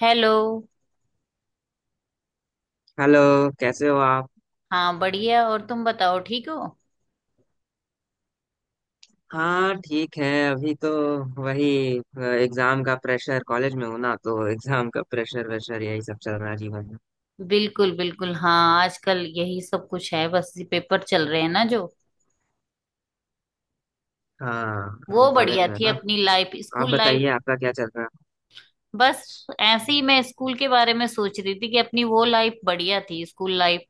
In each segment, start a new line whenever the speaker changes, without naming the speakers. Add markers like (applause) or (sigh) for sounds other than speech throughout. Hello.
Hello. कैसे हो आप?
हाँ बढ़िया, और तुम बताओ, ठीक हो।
हाँ ठीक है अभी तो। वही एग्जाम का प्रेशर, कॉलेज में हूँ ना तो एग्जाम का प्रेशर वेशर यही सब चल रहा है जीवन में।
बिल्कुल बिल्कुल, हाँ आजकल यही सब कुछ है, बस ये पेपर चल रहे हैं ना जो।
हाँ हम
वो
कॉलेज
बढ़िया
में है
थी
ना।
अपनी लाइफ,
आप
स्कूल लाइफ।
बताइए आपका क्या चल रहा है?
बस ऐसे ही मैं स्कूल के बारे में सोच रही थी कि अपनी वो लाइफ बढ़िया थी, स्कूल लाइफ।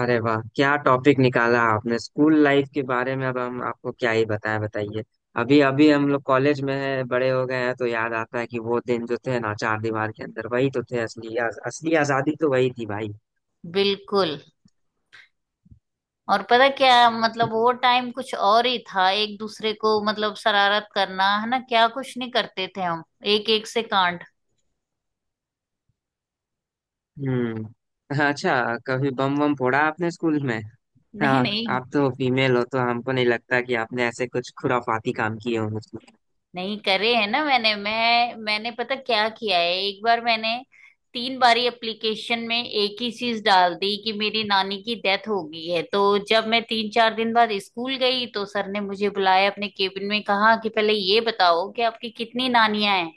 अरे वाह, क्या टॉपिक निकाला आपने, स्कूल लाइफ के बारे में। अब हम आपको क्या ही बताएं, बताइए। अभी अभी हम लोग कॉलेज में है, बड़े हो गए हैं तो याद आता है कि वो दिन जो थे ना, चार दीवार के अंदर वही तो थे, असली असली आजादी तो वही थी भाई।
बिल्कुल। और पता क्या, मतलब वो टाइम कुछ और ही था। एक दूसरे को, मतलब शरारत करना, है ना, क्या कुछ नहीं करते थे हम। एक एक से कांड।
हम्म। अच्छा, कभी बम बम फोड़ा आपने स्कूल में?
(laughs)
हाँ।
नहीं नहीं।
आप तो फीमेल हो तो हमको नहीं लगता कि आपने ऐसे कुछ खुराफाती काम किए हो मुझको।
नहीं करे है ना, मैंने पता क्या किया है। एक बार मैंने तीन बारी एप्लीकेशन में एक ही चीज डाल दी कि मेरी नानी की डेथ हो गई है। तो जब मैं तीन चार दिन बाद स्कूल गई तो सर ने मुझे बुलाया अपने केबिन में, कहा कि पहले ये बताओ कि आपकी कितनी नानियां हैं।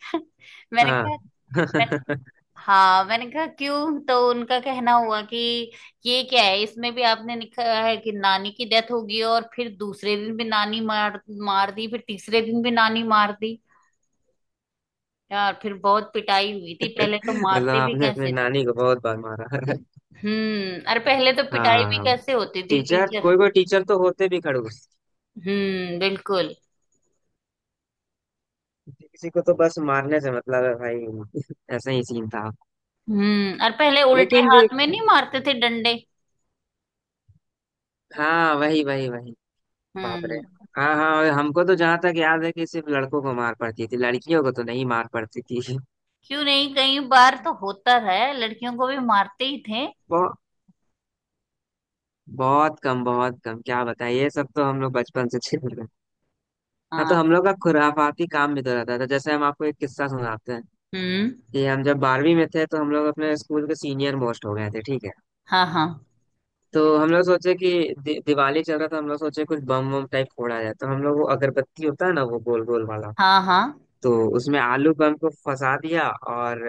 (laughs) मैंने
हाँ।
कहा
(laughs)
हाँ, मैंने कहा क्यों, तो उनका कहना हुआ कि ये क्या है, इसमें भी आपने लिखा है कि नानी की डेथ होगी, और फिर दूसरे दिन भी नानी मार मार दी, फिर तीसरे दिन भी नानी मार दी। यार, फिर बहुत पिटाई हुई थी। पहले तो
मतलब
मारते भी
आपने अपने
कैसे थे।
नानी को बहुत बार मारा है।
हम्म। अरे पहले तो पिटाई भी
हाँ,
कैसे होती थी
टीचर,
टीचर।
कोई कोई टीचर तो होते भी खड़ूस।
हम्म, बिल्कुल।
किसी को तो बस मारने से मतलब है भाई, ऐसा ही सीन था।
हम्म। और पहले उल्टे
लेकिन भी।
हाथ में नहीं मारते थे डंडे।
हाँ, वही वही वही। बाप रे।
हम्म।
हाँ हाँ, और हमको तो जहाँ तक याद है कि सिर्फ लड़कों को मार पड़ती थी, लड़कियों को तो नहीं मार पड़ती थी।
क्यों नहीं, कई बार तो होता है, लड़कियों को भी मारते ही थे।
(laughs) बहुत कम, बहुत कम, क्या बताएं, ये सब तो हम लोग बचपन से झेल रहे हैं। हाँ, तो
हाँ।
हम लोग का खुराफाती काम भी तो रहता था। जैसे हम आपको एक किस्सा सुनाते हैं
हम्म।
कि हम जब बारहवीं में थे तो हम लोग अपने स्कूल के सीनियर मोस्ट हो गए थे, ठीक है?
हाँ हाँ।
तो हम लोग सोचे कि दि दिवाली चल रहा था, हम लोग सोचे कुछ बम बम टाइप फोड़ा जाए। तो हम लोग वो अगरबत्ती होता है ना, वो गोल गोल वाला,
हाँ हाँ।
तो उसमें आलू बम को फंसा दिया और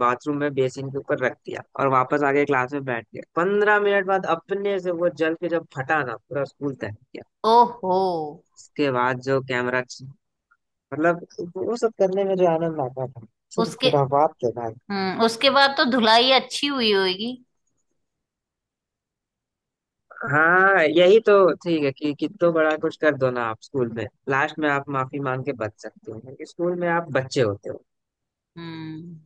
बाथरूम में बेसिन के ऊपर रख दिया और वापस आके क्लास में बैठ गया। पंद्रह मिनट बाद अपने से वो जल के जब फटा ना, पूरा स्कूल तक।
ओहो।
उसके बाद जो कैमरा, मतलब वो सब करने में जो आनंद आता था, (laughs) सिर्फ
उसके
खुराफात थे भाई।
उसके बाद तो धुलाई अच्छी हुई होगी।
हाँ यही तो। ठीक है कि कितो बड़ा कुछ कर दो ना आप स्कूल में, लास्ट में आप माफी मांग के बच सकते हो क्योंकि स्कूल में आप बच्चे होते हो।
हम्म।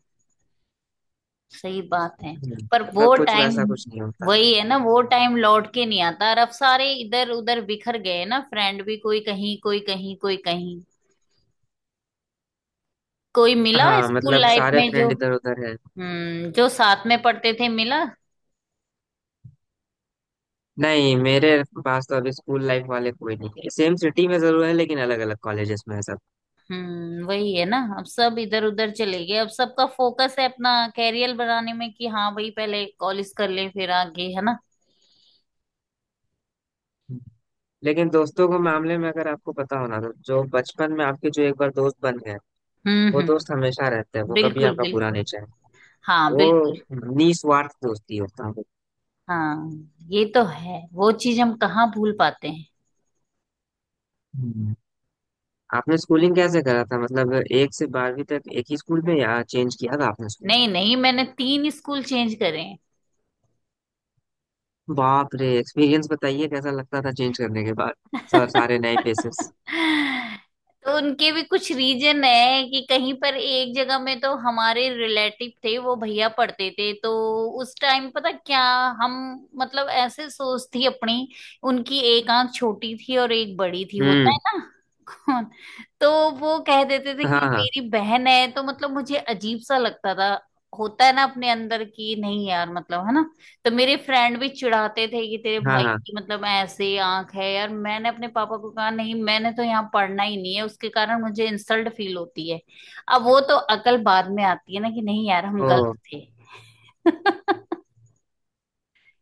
सही बात है।
हम्म।
पर
मतलब
वो
कुछ
टाइम,
वैसा कुछ नहीं होता।
वही है ना, वो टाइम लौट के नहीं आता। और अब सारे इधर उधर बिखर गए हैं ना, फ्रेंड भी, कोई कहीं कोई कहीं कोई कहीं। कोई मिला
हाँ,
स्कूल
मतलब
लाइफ
सारे
में जो।
फ्रेंड इधर उधर है।
हम्म। जो साथ में पढ़ते थे, मिला।
नहीं, मेरे पास तो अभी स्कूल लाइफ वाले कोई नहीं है। सेम सिटी में जरूर है, लेकिन अलग अलग कॉलेजेस में है सब।
हम्म। वही है ना, अब सब इधर उधर चले गए, अब सबका फोकस है अपना कैरियर बनाने में, कि हाँ भाई पहले कॉलेज कर ले फिर आगे, है ना।
लेकिन दोस्तों के मामले में अगर आपको पता हो ना, तो जो बचपन में आपके जो एक बार दोस्त बन गए, वो दोस्त
हम्म।
हमेशा रहता है। वो कभी
बिल्कुल
आपका बुरा
बिल्कुल।
नहीं चाहे।
हाँ बिल्कुल।
वो निस्वार्थ दोस्ती होता है।
हाँ, ये तो है। वो चीज हम कहाँ भूल पाते हैं।
हम्म। आपने स्कूलिंग कैसे करा था? मतलब एक से बारहवीं तक एक ही स्कूल में या चेंज किया था आपने स्कूल?
नहीं नहीं, मैंने तीन स्कूल चेंज करे हैं।
बाप रे, एक्सपीरियंस बताइए, कैसा लगता था चेंज करने के बाद? सर,
(laughs)
सारे नए फेसेस।
तो उनके भी कुछ रीजन है कि कहीं पर एक जगह में तो हमारे रिलेटिव थे, वो भैया पढ़ते थे, तो उस टाइम पता क्या, हम, मतलब ऐसे सोच थी अपनी। उनकी एक आंख छोटी थी और एक बड़ी थी, होता है
हम्म।
ना। (laughs) हाँ। तो वो कह देते थे कि
हाँ हाँ।
मेरी बहन है, तो मतलब मुझे अजीब सा लगता था। होता है ना, अपने अंदर की, नहीं यार, मतलब, है ना। तो मेरे फ्रेंड भी चिढ़ाते थे कि तेरे
हाँ
भाई
हाँ।
की मतलब ऐसे आंख है यार। मैंने अपने पापा को कहा, नहीं मैंने तो यहाँ पढ़ना ही नहीं है, उसके कारण मुझे इंसल्ट फील होती है। अब वो तो अकल बाद में आती है ना, कि नहीं यार हम
ओ।
गलत थे। (laughs)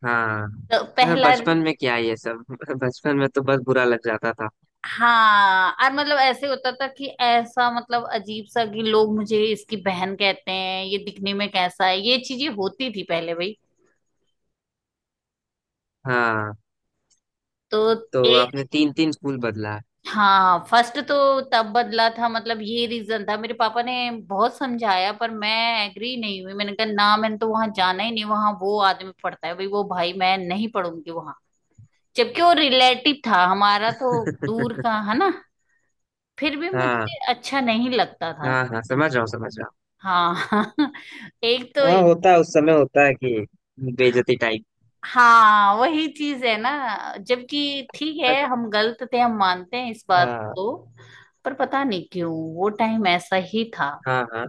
हाँ,
तो
हाँ,
पहला।
बचपन में क्या ये सब। (laughs) बचपन में तो बस बुरा लग जाता था।
हाँ। और मतलब ऐसे होता था कि ऐसा, मतलब अजीब सा कि लोग मुझे इसकी बहन कहते हैं, ये दिखने में कैसा है, ये चीजें होती थी पहले भाई।
हाँ,
तो
तो
एक।
आपने तीन तीन स्कूल बदला है।
हाँ, फर्स्ट तो तब बदला था, मतलब ये रीजन था। मेरे पापा ने बहुत समझाया, पर मैं एग्री नहीं हुई। मैंने कहा ना, मैंने तो वहां जाना ही नहीं, वहां वो आदमी पढ़ता है भाई, वो भाई मैं नहीं पढ़ूंगी वहां। जबकि वो रिलेटिव था हमारा, तो दूर का
(laughs)
है ना, फिर भी
हाँ
मुझे अच्छा नहीं लगता था।
हाँ, हाँ समझ रहा हूँ, समझ रहा हूँ।
हाँ। (laughs) एक तो।
हाँ होता है, उस समय होता है कि बेइज्जती टाइप।
हाँ वही चीज है ना, जबकि ठीक है, हम गलत थे, हम मानते हैं इस बात को,
अच्छा।
पर पता नहीं क्यों वो टाइम ऐसा ही था।
हाँ हाँ।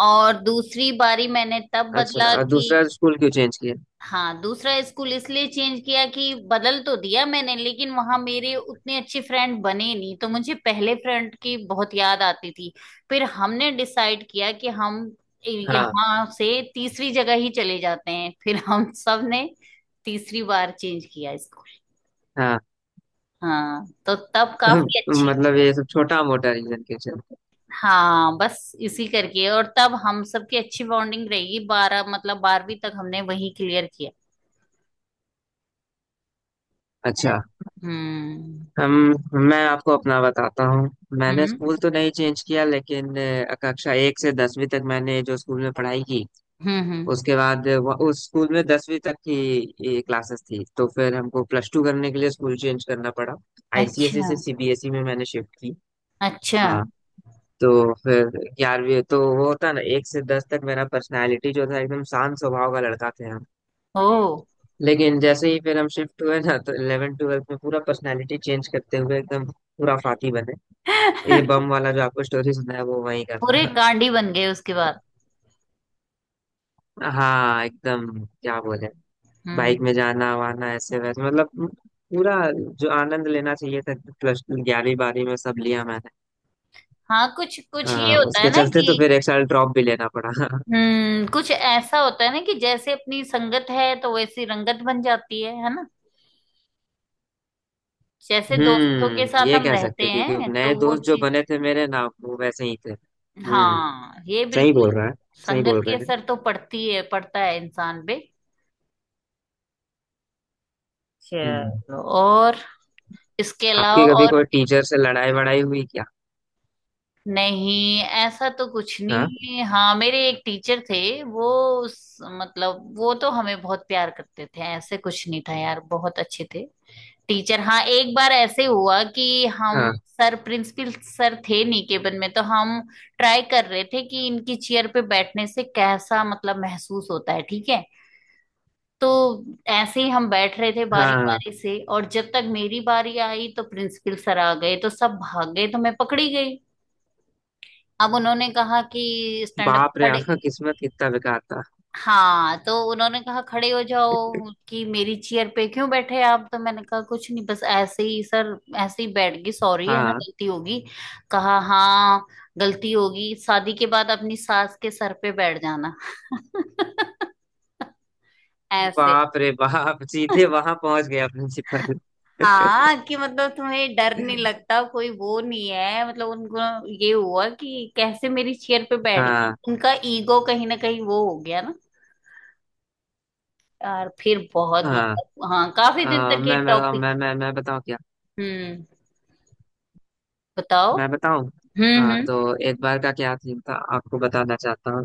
और दूसरी बारी मैंने तब
अच्छा,
बदला
और
कि।
दूसरा स्कूल क्यों चेंज किया?
हाँ, दूसरा स्कूल इसलिए चेंज किया कि, बदल तो दिया मैंने लेकिन वहां मेरे उतने अच्छे फ्रेंड बने नहीं, तो मुझे पहले फ्रेंड की बहुत याद आती थी। फिर हमने डिसाइड किया कि हम
हाँ
यहाँ से तीसरी जगह ही चले जाते हैं। फिर हम सब ने तीसरी बार चेंज किया स्कूल।
हाँ।
हाँ तो तब
(laughs)
काफी अच्छी।
मतलब ये सब छोटा मोटा रीजन क्यों चेंज किया।
हाँ बस इसी करके। और तब हम सबकी अच्छी बॉन्डिंग रहेगी, बारह मतलब बारहवीं तक हमने वही क्लियर किया।
अच्छा।
हम्म
हम मैं आपको अपना बताता हूँ। मैंने
हम्म
स्कूल तो नहीं चेंज किया लेकिन कक्षा एक से दसवीं तक मैंने जो स्कूल में पढ़ाई की,
हम्म।
उसके बाद उस स्कूल में दसवीं तक की क्लासेस थी, तो फिर हमको प्लस टू करने के लिए स्कूल चेंज करना पड़ा। आईसीएसई
अच्छा।
से सीबीएसई में मैंने शिफ्ट की।
अच्छा।
हाँ। तो फिर ग्यारहवीं, तो वो होता ना, एक से दस तक मेरा पर्सनालिटी जो था एकदम शांत स्वभाव का लड़का थे हम।
ओ। (laughs)
लेकिन जैसे ही फिर हम शिफ्ट हुए ना, तो 11 ट्वेल्थ में पूरा पर्सनालिटी चेंज करते हुए एकदम पूरा फाती बने। ये बम वाला जो आपको स्टोरी सुनाया वो वही का
पूरे
था।
कांडी बन गए उसके बाद।
हाँ एकदम। क्या बोले?
हम्म।
बाइक में जाना वाना, ऐसे वैसे, मतलब पूरा जो आनंद लेना चाहिए था, प्लस ग्यारहवीं बारहवीं में, सब लिया मैंने।
हाँ, कुछ कुछ ये होता है
उसके
ना
चलते तो
कि।
फिर एक साल ड्रॉप भी लेना पड़ा।
हम्म, कुछ ऐसा होता है ना कि जैसे अपनी संगत है तो वैसी रंगत बन जाती है ना। जैसे दोस्तों के
हम्म,
साथ
ये
हम
कह
रहते
सकते हैं, क्योंकि
हैं तो
नए
वो
दोस्त जो
चीज।
बने थे मेरे ना, वो वैसे ही थे। हम्म।
हाँ, ये
सही
बिल्कुल।
बोल रहा है। सही
संगत
बोल
के
रहे हैं।
असर तो पड़ती है, पड़ता है इंसान पे।
हम्म।
चलो और। इसके अलावा
आपकी कभी
और।
कोई टीचर से लड़ाई वड़ाई हुई क्या?
नहीं, ऐसा तो कुछ
हाँ।
नहीं। हाँ मेरे एक टीचर थे, वो, मतलब वो तो हमें बहुत प्यार करते थे, ऐसे कुछ नहीं था यार, बहुत अच्छे थे टीचर। हाँ, एक बार ऐसे हुआ कि हम,
हाँ
सर प्रिंसिपल सर थे निकेतन में, तो हम ट्राई कर रहे थे कि इनकी चेयर पे बैठने से कैसा, मतलब, महसूस होता है, ठीक है। तो ऐसे ही हम बैठ रहे थे बारी
हाँ।
बारी से, और जब तक मेरी बारी आई तो प्रिंसिपल सर आ गए, तो सब भाग गए, तो मैं पकड़ी गई। अब उन्होंने कहा कि स्टैंड अप,
बाप रे,
खड़े।
आपका किस्मत कितना बेकार था।
हाँ, तो उन्होंने कहा खड़े हो जाओ, कि मेरी चेयर पे क्यों बैठे आप। तो मैंने कहा कुछ नहीं, बस ऐसे ही सर, ऐसे ही बैठ गई, सॉरी, है ना,
हाँ।
गलती होगी। कहा हाँ, गलती होगी शादी के बाद अपनी सास के सर पे बैठ जाना। (laughs) ऐसे।
बाप रे बाप, सीधे वहां पहुंच गया प्रिंसिपल। (laughs)
हाँ कि मतलब तुम्हें डर नहीं लगता, कोई वो नहीं है, मतलब उनको ये हुआ कि कैसे मेरी चेयर पे बैठ गई,
हाँ
उनका ईगो कहीं ना कहीं वो हो गया। यार फिर बहुत,
हाँ।
मतलब, हाँ काफी दिन तक ये
मैं बताऊँ,
टॉपिक।
मैं बताऊँ क्या?
हम्म। बताओ।
मैं बताऊँ।
हम्म
हाँ
हम्म
तो एक बार का क्या थीम था आपको बताना चाहता हूँ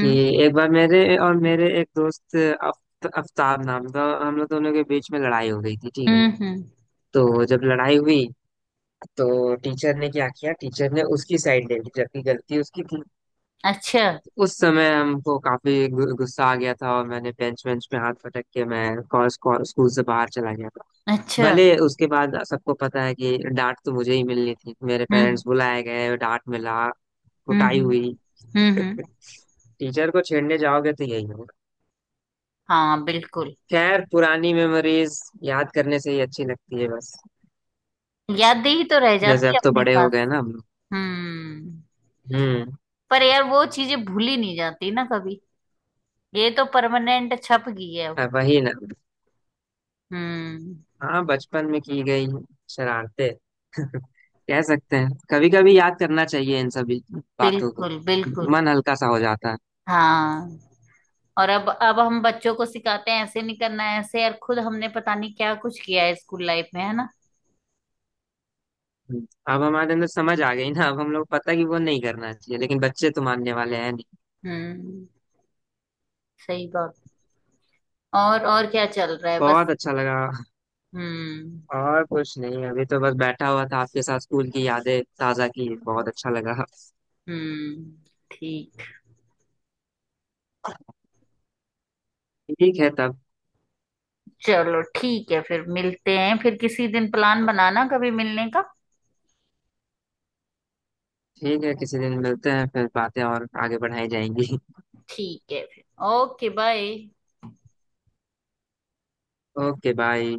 कि एक बार मेरे और मेरे एक दोस्त अफ्ताब नाम था, हम लोग दोनों के बीच में लड़ाई हो गई थी, ठीक है?
हम्म।
तो जब लड़ाई हुई तो टीचर ने क्या किया, टीचर ने उसकी साइड ले ली, जबकि गलती उसकी थी।
अच्छा।
उस समय हमको काफी गुस्सा आ गया था और मैंने बेंच बेंच पे हाथ पटक के मैं स्कूल से बाहर चला गया था।
अच्छा।
भले उसके बाद सबको पता है कि डांट तो मुझे ही मिलनी थी, मेरे
हम्म
पेरेंट्स बुलाए गए, डांट मिला,
हम्म
कुटाई
हम्म
हुई।
हम्म।
(laughs) टीचर को छेड़ने जाओगे तो यही।
हाँ बिल्कुल।
खैर पुरानी मेमोरीज याद करने से ही अच्छी लगती है बस।
यादें ही तो रह
जैसे
जाती
अब
है
तो
अपने
बड़े हो
पास।
गए ना हम लोग।
हम्म।
हम्म।
पर यार वो चीजें भूली नहीं जाती ना कभी, ये तो परमानेंट छप गई है अब।
अब वही ना।
हम्म।
हाँ, बचपन में की गई शरारते। (laughs) कह सकते हैं, कभी कभी याद करना चाहिए इन सभी बातों को,
बिल्कुल बिल्कुल।
मन हल्का सा हो जाता है।
हाँ। और अब हम बच्चों को सिखाते हैं, ऐसे नहीं करना है ऐसे, यार खुद हमने पता नहीं क्या कुछ किया है स्कूल लाइफ में, है ना।
हम्म, अब हमारे अंदर समझ आ गई ना, अब हम लोग पता कि वो नहीं करना चाहिए, लेकिन बच्चे तो मानने वाले हैं नहीं।
हम्म। सही बात। और क्या चल रहा है बस।
बहुत अच्छा लगा।
हम्म
और कुछ नहीं, अभी तो बस बैठा हुआ था आपके साथ, स्कूल की यादें ताजा की, बहुत अच्छा लगा।
हम्म। ठीक।
ठीक है तब।
चलो ठीक है, फिर मिलते हैं, फिर किसी दिन प्लान बनाना कभी मिलने का।
ठीक है, किसी दिन मिलते हैं फिर, बातें और आगे बढ़ाई जाएंगी।
ठीक है फिर। Okay bye.
(laughs) Okay bye.